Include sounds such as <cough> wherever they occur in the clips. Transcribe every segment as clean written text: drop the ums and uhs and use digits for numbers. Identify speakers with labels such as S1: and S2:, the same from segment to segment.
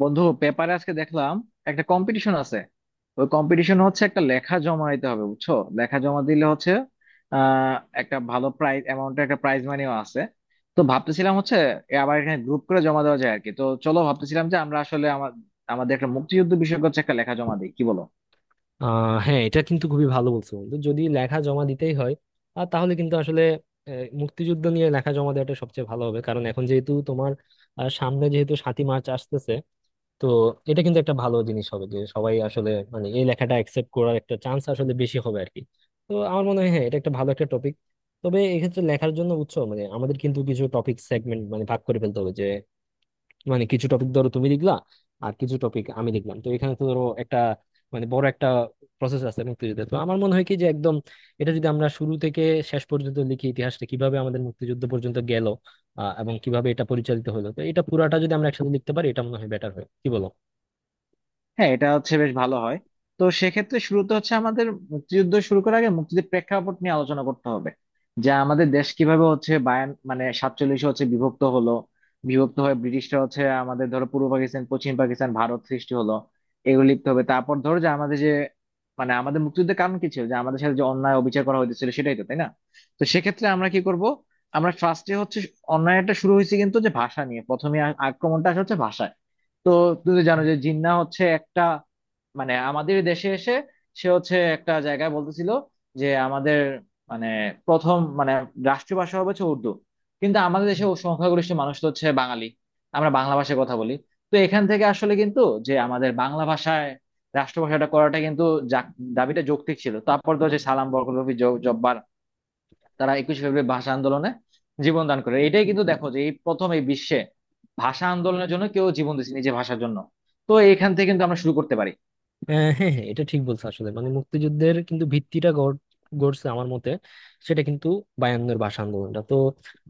S1: বন্ধু, পেপারে আজকে দেখলাম একটা কম্পিটিশন আছে। ওই কম্পিটিশন হচ্ছে একটা লেখা জমা দিতে হবে, বুঝছো? লেখা জমা দিলে হচ্ছে আহ একটা ভালো প্রাইজ অ্যামাউন্টের একটা প্রাইজ মানিও আছে। তো ভাবতেছিলাম হচ্ছে এ আবার এখানে গ্রুপ করে জমা দেওয়া যায় আর কি। তো চলো, ভাবতেছিলাম যে আমরা আসলে আমাদের একটা মুক্তিযুদ্ধ বিষয়ক হচ্ছে একটা লেখা জমা দিই, কি বলো?
S2: হ্যাঁ, এটা কিন্তু খুবই ভালো বলছো, বন্ধু। যদি লেখা জমা দিতেই হয় আর তাহলে কিন্তু আসলে মুক্তিযুদ্ধ নিয়ে লেখা জমা দেওয়াটা সবচেয়ে ভালো হবে, কারণ এখন যেহেতু তোমার সামনে যেহেতু সাতই মার্চ আসতেছে। তো এটা কিন্তু একটা ভালো জিনিস হবে যে সবাই আসলে, মানে, এই লেখাটা অ্যাকসেপ্ট করার একটা চান্স আসলে বেশি হবে আর কি। তো আমার মনে হয় হ্যাঁ, এটা একটা ভালো একটা টপিক। তবে এক্ষেত্রে লেখার জন্য উৎস, মানে আমাদের কিন্তু কিছু টপিক সেগমেন্ট, মানে ভাগ করে ফেলতে হবে। মানে কিছু টপিক ধরো তুমি লিখলা আর কিছু টপিক আমি লিখলাম। তো এখানে তো ধরো একটা, মানে বড় একটা প্রসেস আছে মুক্তিযুদ্ধের। তো আমার মনে হয় কি যে একদম এটা যদি আমরা শুরু থেকে শেষ পর্যন্ত লিখি, ইতিহাসটা কিভাবে আমাদের মুক্তিযুদ্ধ পর্যন্ত গেল এবং কিভাবে এটা পরিচালিত হলো। তো এটা পুরাটা যদি আমরা একসাথে লিখতে পারি, এটা মনে হয় বেটার হয়, কি বলো?
S1: হ্যাঁ, এটা হচ্ছে বেশ ভালো হয়। তো সেক্ষেত্রে শুরুতে হচ্ছে আমাদের মুক্তিযুদ্ধ শুরু করার আগে মুক্তিযুদ্ধের প্রেক্ষাপট নিয়ে আলোচনা করতে হবে, যা আমাদের দেশ কিভাবে হচ্ছে বায়ান মানে 47-এ হচ্ছে বিভক্ত হলো। বিভক্ত হয়ে ব্রিটিশরা হচ্ছে আমাদের ধরো পূর্ব পাকিস্তান, পশ্চিম পাকিস্তান, ভারত সৃষ্টি হলো। এগুলো লিখতে হবে। তারপর ধরো যে আমাদের যে মানে আমাদের মুক্তিযুদ্ধের কারণ কি ছিল, যে আমাদের সাথে যে অন্যায় অবিচার করা হয়েছিল, সেটাই তো, তাই না? তো সেক্ষেত্রে আমরা কি করব? আমরা ফার্স্টে হচ্ছে অন্যায়টা শুরু হয়েছে কিন্তু, যে ভাষা নিয়ে প্রথমে আক্রমণটা আসে হচ্ছে ভাষায়। তো তুমি তো জানো যে জিন্না হচ্ছে একটা মানে আমাদের দেশে এসে সে হচ্ছে একটা জায়গায় বলতেছিল যে আমাদের মানে প্রথম মানে রাষ্ট্রীয় ভাষা হবে হচ্ছে উর্দু। কিন্তু আমাদের দেশে ও সংখ্যাগরিষ্ঠ মানুষ তো হচ্ছে বাঙালি, আমরা বাংলা ভাষায় কথা বলি। তো এখান থেকে আসলে কিন্তু যে আমাদের বাংলা ভাষায় রাষ্ট্রভাষাটা করাটা কিন্তু যা- দাবিটা যৌক্তিক ছিল। তারপর তো হচ্ছে সালাম, বরকত, রফি, জব্বার তারা 21শে ফেব্রুয়ারি ভাষা আন্দোলনে জীবন দান করে। এটাই কিন্তু দেখো যে এই প্রথম এই বিশ্বে ভাষা আন্দোলনের জন্য কেউ জীবন দিয়েছে নিজের ভাষার জন্য। তো এখান থেকে কিন্তু আমরা শুরু করতে পারি।
S2: আহ, হ্যাঁ, হ্যাঁ, এটা ঠিক বলছো আসলে। মানে মুক্তিযুদ্ধের কিন্তু ভিত্তিটা গড়ছে আমার মতে, সেটা কিন্তু বায়ান্নর ভাষা আন্দোলনটা। তো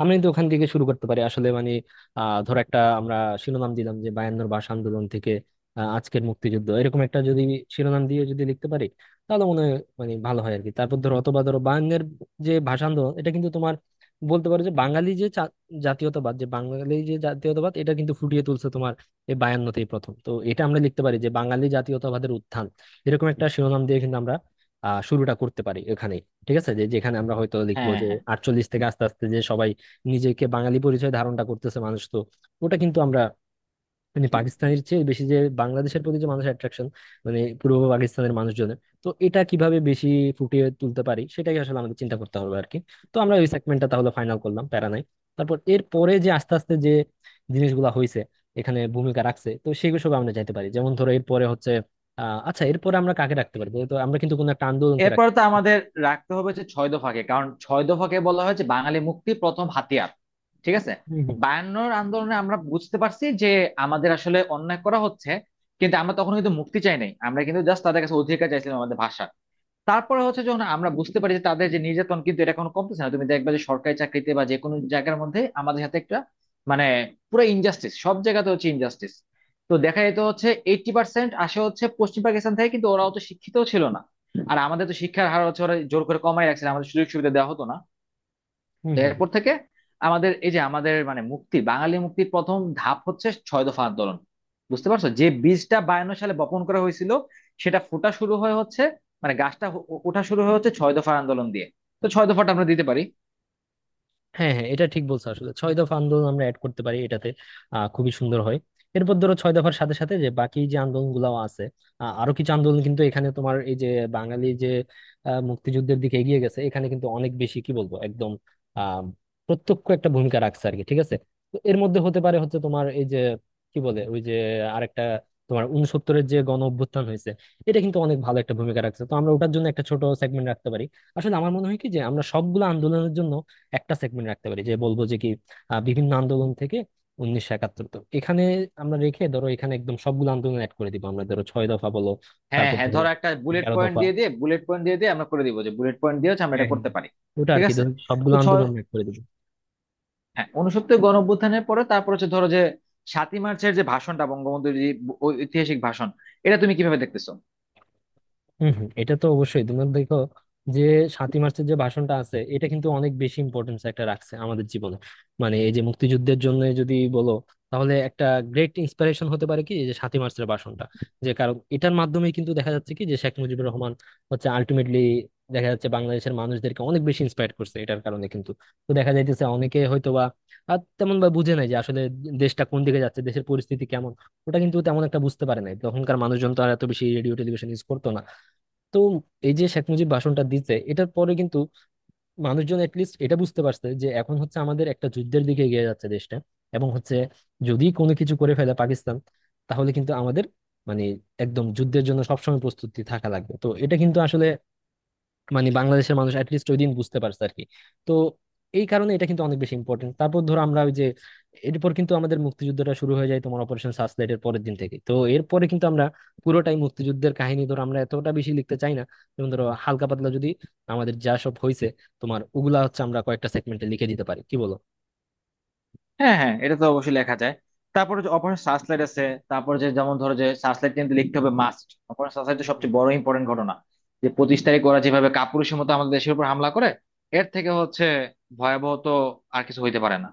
S2: আমরা কিন্তু ওখান থেকে শুরু করতে পারি আসলে। মানে ধর একটা আমরা শিরোনাম দিলাম যে বায়ান্নর ভাষা আন্দোলন থেকে আজকের মুক্তিযুদ্ধ, এরকম একটা যদি শিরোনাম দিয়ে যদি লিখতে পারি, তাহলে মনে হয়, মানে, ভালো হয় আর কি। তারপর ধরো, অথবা ধরো বায়ান্নের যে ভাষা আন্দোলন এটা কিন্তু তোমার বলতে পারো যে বাঙালি যে জাতীয়তাবাদ, যে বাঙালি যে জাতীয়তাবাদ এটা কিন্তু ফুটিয়ে তুলছে তোমার এই বায়ান্নতেই প্রথম। তো এটা আমরা লিখতে পারি যে বাঙালি জাতীয়তাবাদের উত্থান, এরকম একটা শিরোনাম দিয়ে কিন্তু আমরা শুরুটা করতে পারি এখানে। ঠিক আছে, যে যেখানে আমরা হয়তো লিখবো
S1: হ্যাঁ,
S2: যে
S1: হ্যাঁ।
S2: আটচল্লিশ থেকে আস্তে আস্তে যে সবাই নিজেকে বাঙালি পরিচয় ধারণটা করতেছে মানুষ। তো ওটা কিন্তু আমরা, মানে পাকিস্তানের চেয়ে বেশি যে বাংলাদেশের প্রতি যে মানুষের অ্যাট্রাকশন, মানে পূর্ব পাকিস্তানের মানুষজনের, তো এটা কিভাবে বেশি ফুটিয়ে তুলতে পারি সেটাই আসলে আমাদের চিন্তা করতে হবে আর কি। তো আমরা ওই সেগমেন্টটা তাহলে ফাইনাল করলাম, প্যারা নাই। তারপর এর পরে যে আস্তে আস্তে যে জিনিসগুলো হয়েছে, এখানে ভূমিকা রাখছে, তো সেগুলো সব আমরা যাইতে পারি। যেমন ধরো এরপরে হচ্ছে আচ্ছা, এরপরে আমরা কাকে রাখতে পারি? তো আমরা কিন্তু কোনো একটা আন্দোলনকে
S1: এরপর
S2: রাখতে,
S1: তো আমাদের রাখতে হবে যে ছয় দফাকে, কারণ ছয় দফাকে বলা হয়েছে বাঙালি মুক্তির প্রথম হাতিয়ার। ঠিক আছে।
S2: হম।
S1: 52-র আন্দোলনে আমরা বুঝতে পারছি যে আমাদের আসলে অন্যায় করা হচ্ছে, কিন্তু আমরা তখন কিন্তু মুক্তি চাই নাই, আমরা কিন্তু জাস্ট তাদের কাছে অধিকার চাইছিলাম আমাদের ভাষা। তারপরে হচ্ছে যখন আমরা বুঝতে পারি যে তাদের যে নির্যাতন কিন্তু এটা কোনো কমতেছে না, তুমি দেখবে যে সরকারি চাকরিতে বা যে কোনো জায়গার মধ্যে আমাদের সাথে একটা মানে পুরো ইনজাস্টিস, সব জায়গাতে হচ্ছে ইনজাস্টিস। তো দেখা যেত হচ্ছে 80% আসে হচ্ছে পশ্চিম পাকিস্তান থেকে, কিন্তু ওরা অত শিক্ষিত ছিল না। আর আমাদের তো শিক্ষার হার হচ্ছে ওরা জোর করে কমাই রাখছিল, আমাদের সুযোগ সুবিধা দেওয়া হতো না। তো
S2: হম,
S1: এরপর থেকে আমাদের এই যে আমাদের মানে মুক্তি বাঙালি মুক্তির প্রথম ধাপ হচ্ছে ছয় দফা আন্দোলন। বুঝতে পারছো যে বীজটা 52 সালে বপন করা হয়েছিল, সেটা ফোটা শুরু হয়ে হচ্ছে, মানে গাছটা ওঠা শুরু হয়ে হচ্ছে ছয় দফা আন্দোলন দিয়ে। তো ছয় দফাটা আমরা দিতে পারি।
S2: হ্যাঁ, হ্যাঁ, এটা ঠিক বলছো আসলে, ছয় দফা আন্দোলন আমরা অ্যাড করতে পারি এটাতে। খুবই সুন্দর হয়। এরপর ধরো ছয় দফার সাথে সাথে যে বাকি যে আন্দোলন গুলাও আছে, আরো কিছু আন্দোলন কিন্তু এখানে তোমার এই যে বাঙালি যে মুক্তিযুদ্ধের দিকে এগিয়ে গেছে, এখানে কিন্তু অনেক বেশি, কি বলবো, একদম আহ প্রত্যক্ষ একটা ভূমিকা রাখছে আর কি। ঠিক আছে। তো এর মধ্যে হতে পারে হচ্ছে তোমার এই যে, কি বলে ওই যে আরেকটা, তোমার উনসত্তরের যে গণ অভ্যুত্থান হয়েছে, এটা কিন্তু অনেক ভালো একটা ভূমিকা রাখছে। তো আমরা ওটার জন্য একটা ছোট সেগমেন্ট রাখতে পারি। আসলে আমার মনে হয় কি যে আমরা সবগুলো আন্দোলনের জন্য একটা সেগমেন্ট রাখতে পারি, যে বলবো যে কি বিভিন্ন আন্দোলন থেকে 1971, তো এখানে আমরা রেখে ধরো এখানে একদম সবগুলো আন্দোলন অ্যাড করে দিব। আমরা ধরো ছয় দফা বলো,
S1: হ্যাঁ,
S2: তারপর
S1: হ্যাঁ,
S2: ধরো
S1: ধরো একটা
S2: এগারো দফা।
S1: বুলেট পয়েন্ট দিয়ে দিয়ে আমরা করে দিব, যে বুলেট পয়েন্ট দিয়ে হচ্ছে আমরা
S2: হ্যাঁ,
S1: এটা
S2: হ্যাঁ।
S1: করতে পারি।
S2: ওটা আর
S1: ঠিক
S2: কি
S1: আছে।
S2: ধরো সবগুলো
S1: তো ছয়,
S2: আন্দোলন অ্যাড করে দিব।
S1: হ্যাঁ, 69 গণঅভ্যুত্থানের পরে তারপর হচ্ছে ধরো যে 7ই মার্চের যে ভাষণটা বঙ্গবন্ধুর যে ঐতিহাসিক ভাষণ, এটা তুমি কিভাবে দেখতেছো?
S2: হম, হম, এটা তো অবশ্যই। তুমি দেখো যে সাতই মার্চের যে ভাষণটা আছে, এটা কিন্তু অনেক বেশি ইম্পর্টেন্স একটা রাখছে আমাদের জীবনে। মানে এই যে মুক্তিযুদ্ধের জন্য যদি বলো, তাহলে একটা গ্রেট ইন্সপিরেশন হতে পারে কি এই যে সাতই মার্চের ভাষণটা। যে কারণ এটার মাধ্যমে কিন্তু দেখা যাচ্ছে কি যে শেখ মুজিবুর রহমান হচ্ছে আলটিমেটলি দেখা যাচ্ছে বাংলাদেশের মানুষদেরকে অনেক বেশি ইন্সপায়ার করছে এটার কারণে কিন্তু। তো দেখা যাইতেছে অনেকে হয়তো বা আর তেমন বা বুঝে নাই যে আসলে দেশটা কোন দিকে যাচ্ছে, দেশের পরিস্থিতি কেমন। ওটা কিন্তু তেমন একটা বুঝতে পারে নাই তখনকার মানুষজন, তো আর এত বেশি রেডিও টেলিভিশন ইউজ করতো না। তো এই যে শেখ মুজিব ভাষণটা দিচ্ছে, এটার পরে কিন্তু মানুষজন এটলিস্ট এটা বুঝতে পারছে যে এখন হচ্ছে আমাদের একটা যুদ্ধের দিকে এগিয়ে যাচ্ছে দেশটা। এবং হচ্ছে যদি কোনো কিছু করে ফেলে পাকিস্তান, তাহলে কিন্তু আমাদের, মানে, একদম যুদ্ধের জন্য সবসময় প্রস্তুতি থাকা লাগবে। তো এটা কিন্তু আসলে, মানে, বাংলাদেশের মানুষ অ্যাটলিস্ট ওই দিন বুঝতে পারছে আর কি। তো এই কারণে এটা কিন্তু অনেক বেশি ইম্পর্টেন্ট। তারপর ধরো আমরা ওই যে, এরপর কিন্তু আমাদের মুক্তিযুদ্ধটা শুরু হয়ে যায় তোমার অপারেশন সার্চলাইট এর পরের দিন থেকে। তো এরপরে কিন্তু আমরা পুরোটাই মুক্তিযুদ্ধের কাহিনী ধরো আমরা এতটা বেশি লিখতে চাই না। যেমন ধরো হালকা পাতলা যদি আমাদের যা সব হয়েছে তোমার ওগুলা হচ্ছে আমরা কয়েকটা সেগমেন্টে লিখে দিতে পারি, কি বলো?
S1: হ্যাঁ, হ্যাঁ, এটা তো অবশ্যই লেখা যায়। তারপরে যে অপারেশন সার্চলাইট আছে, তারপরে যে যেমন ধরো যে সার্চলাইট কিন্তু লিখতে হবে মাস্ট। অপারেশন সার্চলাইট তো সবচেয়ে বড় ইম্পর্টেন্ট ঘটনা, যে 25 তারিখ ওরা যেভাবে কাপুরুষের মতো আমাদের দেশের উপর হামলা করে, এর থেকে হচ্ছে ভয়াবহ তো আর কিছু হইতে পারে না।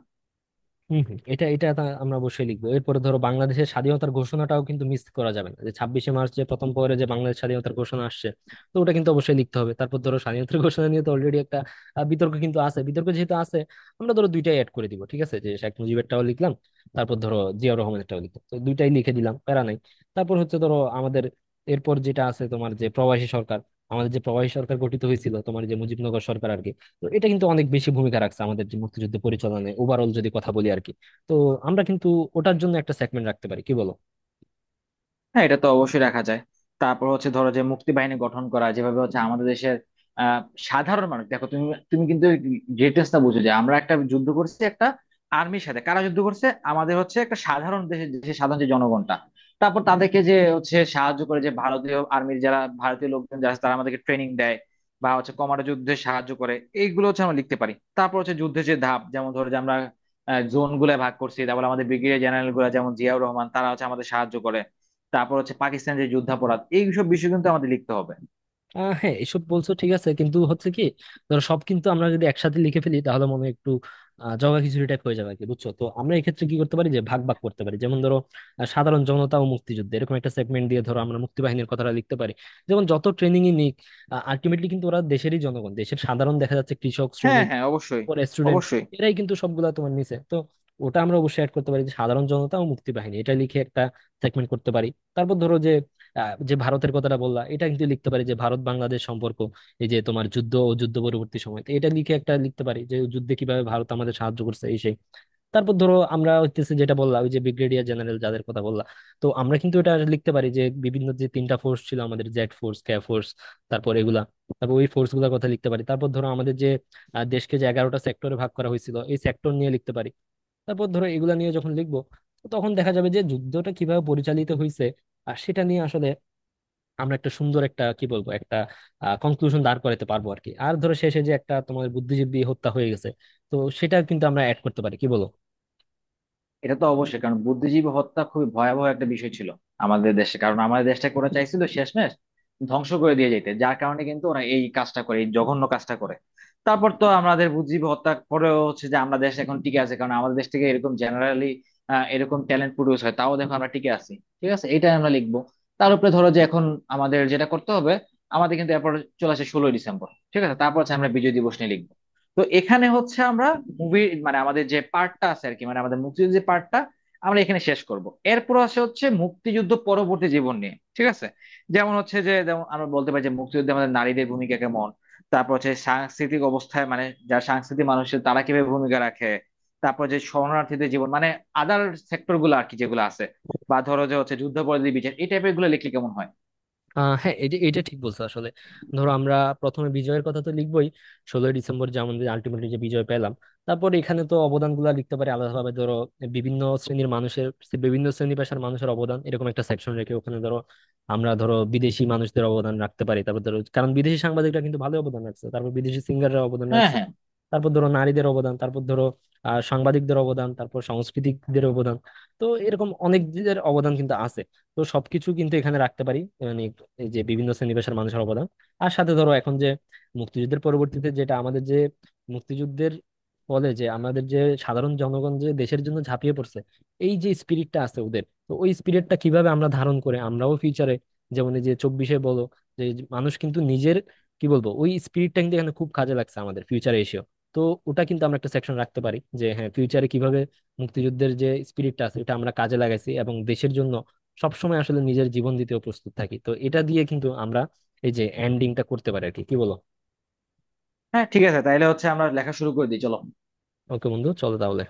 S2: হম, হম, এটা এটা তা আমরা অবশ্যই লিখবো। এরপরে ধরো বাংলাদেশের স্বাধীনতার ঘোষণাটাও কিন্তু মিস করা যাবে না, যে ছাব্বিশে মার্চ যে প্রথম পরে যে বাংলাদেশ স্বাধীনতার ঘোষণা আসছে। তো ওটা কিন্তু অবশ্যই লিখতে হবে। তারপর ধরো স্বাধীনতার <laughs> ঘোষণা নিয়ে তো অলরেডি একটা বিতর্ক কিন্তু আছে। বিতর্ক যেহেতু আছে আমরা ধরো দুইটাই অ্যাড করে দিব, ঠিক আছে, যে শেখ মুজিবেরটাও লিখলাম তারপর ধরো জিয়াউর রহমানেরটাও লিখলাম, তো দুইটাই লিখে দিলাম, প্যারা নাই। তারপর হচ্ছে ধরো আমাদের এরপর যেটা আছে তোমার যে প্রবাসী সরকার, আমাদের যে প্রবাসী সরকার গঠিত হয়েছিল তোমার যে মুজিবনগর সরকার আর কি। তো এটা কিন্তু অনেক বেশি ভূমিকা রাখছে আমাদের যে মুক্তিযুদ্ধ পরিচালনায় ওভারঅল যদি কথা বলি আর কি। তো আমরা কিন্তু ওটার জন্য একটা সেগমেন্ট রাখতে পারি, কি বলো?
S1: হ্যাঁ, এটা তো অবশ্যই রাখা যায়। তারপর হচ্ছে ধরো যে মুক্তি বাহিনী গঠন করা যেভাবে হচ্ছে আমাদের দেশের আহ, সাধারণ মানুষ, দেখো তুমি, তুমি কিন্তু ডিটেলসটা বুঝো যে আমরা একটা যুদ্ধ করছি একটা আর্মির সাথে, কারা যুদ্ধ করছে? আমাদের হচ্ছে একটা সাধারণ দেশের দেশের সাধারণ যে জনগণটা। তারপর তাদেরকে যে হচ্ছে সাহায্য করে যে ভারতীয় আর্মির যারা ভারতীয় লোকজন যারা আছে, তারা আমাদেরকে ট্রেনিং দেয় বা হচ্ছে কমান্ডো যুদ্ধে সাহায্য করে। এইগুলো হচ্ছে আমরা লিখতে পারি। তারপর হচ্ছে যুদ্ধের যে ধাপ, যেমন ধরো যে আমরা জোন গুলা ভাগ করছি, তারপর আমাদের ব্রিগেডিয়ার জেনারেল গুলা যেমন জিয়াউর রহমান তারা হচ্ছে আমাদের সাহায্য করে। তারপর হচ্ছে পাকিস্তানের যে যুদ্ধাপরাধ, এইসব বিষয় কিন্তু আমাদের লিখতে হবে।
S2: হ্যাঁ, এসব বলছো ঠিক আছে, কিন্তু হচ্ছে কি, ধরো সব কিন্তু আমরা যদি একসাথে লিখে ফেলি তাহলে মনে হয় একটু জগা খিচুড়ি টাইপ হয়ে যাবে আর কি, বুঝছো? তো আমরা এক্ষেত্রে কি করতে পারি যে ভাগ ভাগ করতে পারি। যেমন ধরো সাধারণ জনতা ও মুক্তিযুদ্ধ, এরকম একটা সেগমেন্ট দিয়ে ধরো আমরা মুক্তি বাহিনীর কথাটা লিখতে পারি। যেমন যত ট্রেনিং ই নিক, আলটিমেটলি কিন্তু ওরা দেশেরই জনগণ, দেশের সাধারণ, দেখা যাচ্ছে কৃষক
S1: হ্যাঁ,
S2: শ্রমিক
S1: হ্যাঁ, অবশ্যই,
S2: পরে স্টুডেন্ট,
S1: অবশ্যই।
S2: এরাই কিন্তু সবগুলা তোমার নিচে। তো ওটা আমরা অবশ্যই অ্যাড করতে পারি, যে সাধারণ জনতা ও মুক্তি বাহিনী, এটা লিখে একটা সেগমেন্ট করতে পারি। তারপর ধরো যে যে ভারতের কথাটা বললা, এটা কিন্তু লিখতে পারি যে ভারত বাংলাদেশ সম্পর্ক, এই যে তোমার যুদ্ধ ও যুদ্ধ পরবর্তী সময়। তো এটা লিখে একটা লিখতে পারি যে যুদ্ধে কিভাবে ভারত আমাদের সাহায্য করছে এই সেই। তারপর ধরো আমরা হইতেছে যেটা বললাম ওই যে ব্রিগেডিয়ার জেনারেল যাদের কথা বললাম, তো আমরা কিন্তু এটা লিখতে পারি যে বিভিন্ন যে 3টা ফোর্স ছিল আমাদের, জেড ফোর্স, কে ফোর্স, তারপর এগুলা। তারপর ওই ফোর্স গুলার কথা লিখতে পারি। তারপর ধরো আমাদের যে দেশকে যে 11টা সেক্টরে ভাগ করা হয়েছিল, এই সেক্টর নিয়ে লিখতে পারি। তারপর ধরো এগুলা নিয়ে যখন লিখবো, তখন দেখা যাবে যে যুদ্ধটা কিভাবে পরিচালিত হয়েছে, আর সেটা নিয়ে আসলে আমরা একটা সুন্দর একটা, কি বলবো, একটা কনক্লুশন দাঁড় করাতে পারবো আর কি। আর ধরো শেষে যে একটা তোমার বুদ্ধিজীবী হত্যা হয়ে গেছে, তো সেটা কিন্তু আমরা অ্যাড করতে পারি, কি বলো?
S1: এটা তো অবশ্যই, কারণ বুদ্ধিজীবী হত্যা খুবই ভয়াবহ একটা বিষয় ছিল আমাদের দেশে। কারণ আমাদের দেশটা করা চাইছিল শেষমেশ ধ্বংস করে দিয়ে যেতে, যার কারণে কিন্তু ওরা এই কাজটা করে, এই জঘন্য কাজটা করে। তারপর তো আমাদের বুদ্ধিজীবী হত্যা পরেও হচ্ছে যে আমরা দেশ এখন টিকে আছে, কারণ আমাদের দেশ থেকে এরকম জেনারেলি এরকম ট্যালেন্ট প্রডিউস হয়, তাও দেখো আমরা টিকে আছি। ঠিক আছে, এটা আমরা লিখবো। তার উপরে ধরো যে এখন আমাদের যেটা করতে হবে, আমাদের কিন্তু এরপর চলে আসে 16ই ডিসেম্বর। ঠিক আছে, তারপর হচ্ছে আমরা বিজয় দিবস নিয়ে লিখবো। তো এখানে হচ্ছে আমরা মুভি মানে আমাদের যে পার্টটা আছে আর কি, মানে আমাদের মুক্তিযুদ্ধের যে পার্টটা আমরা এখানে শেষ করব। এরপর আসে হচ্ছে মুক্তিযুদ্ধ পরবর্তী জীবন নিয়ে, ঠিক আছে, যেমন হচ্ছে যে যেমন আমরা বলতে পারি যে মুক্তিযুদ্ধে আমাদের নারীদের ভূমিকা কেমন। তারপর হচ্ছে সাংস্কৃতিক অবস্থায় মানে যারা সাংস্কৃতিক মানুষের, তারা কিভাবে ভূমিকা রাখে। তারপর যে শরণার্থীদের জীবন মানে আদার সেক্টর গুলো আর কি, যেগুলো আছে। বা ধরো যে হচ্ছে যুদ্ধাপরাধী বিচার, এই টাইপের গুলো লিখলে কেমন হয়?
S2: হ্যাঁ, এটা এটা ঠিক বলছো আসলে। ধরো আমরা প্রথমে বিজয়ের কথা তো লিখবোই, ষোলোই ডিসেম্বর যে আমাদের আলটিমেটলি যে বিজয় পেলাম। তারপর এখানে তো অবদানগুলো লিখতে পারি আলাদাভাবে। ধরো বিভিন্ন শ্রেণীর মানুষের, বিভিন্ন শ্রেণী পেশার মানুষের অবদান, এরকম একটা সেকশন রেখে ওখানে ধরো আমরা ধরো বিদেশি মানুষদের অবদান রাখতে পারি। তারপর ধরো, কারণ বিদেশি সাংবাদিকরা কিন্তু ভালো অবদান রাখছে, তারপর বিদেশি সিঙ্গাররা অবদান
S1: হ্যাঁ,
S2: রাখছে,
S1: হ্যাঁ,
S2: তারপর ধরো নারীদের অবদান, তারপর ধরো সাংবাদিকদের অবদান, তারপর সাংস্কৃতিকদের অবদান। তো এরকম অনেকদের অবদান কিন্তু আছে, তো সবকিছু কিন্তু এখানে রাখতে পারি, মানে এই যে বিভিন্ন শ্রেণীপেশার মানুষের অবদান। আর সাথে ধরো এখন যে মুক্তিযুদ্ধের পরবর্তীতে যেটা আমাদের যে মুক্তিযুদ্ধের ফলে যে আমাদের যে সাধারণ জনগণ যে দেশের জন্য ঝাঁপিয়ে পড়ছে, এই যে স্পিরিটটা আছে ওদের, তো ওই স্পিরিটটা কিভাবে আমরা ধারণ করে আমরাও ফিউচারে, যেমন এই যে চব্বিশে বলো যে মানুষ কিন্তু নিজের, কি বলবো, ওই স্পিরিটটা কিন্তু এখানে খুব কাজে লাগছে আমাদের ফিউচারে এসে। তো ওটা কিন্তু আমরা একটা সেকশন রাখতে পারি যে হ্যাঁ, ফিউচারে কিভাবে মুক্তিযুদ্ধের যে স্পিরিটটা আছে এটা আমরা কাজে লাগাইছি এবং দেশের জন্য সবসময় আসলে নিজের জীবন দিতেও প্রস্তুত থাকি। তো এটা দিয়ে কিন্তু আমরা এই যে এন্ডিংটা করতে পারি আর কি, কি বলো?
S1: হ্যাঁ, ঠিক আছে, তাহলে হচ্ছে আমরা লেখা শুরু করে দিই, চলো।
S2: ওকে বন্ধু, চলো তাহলে।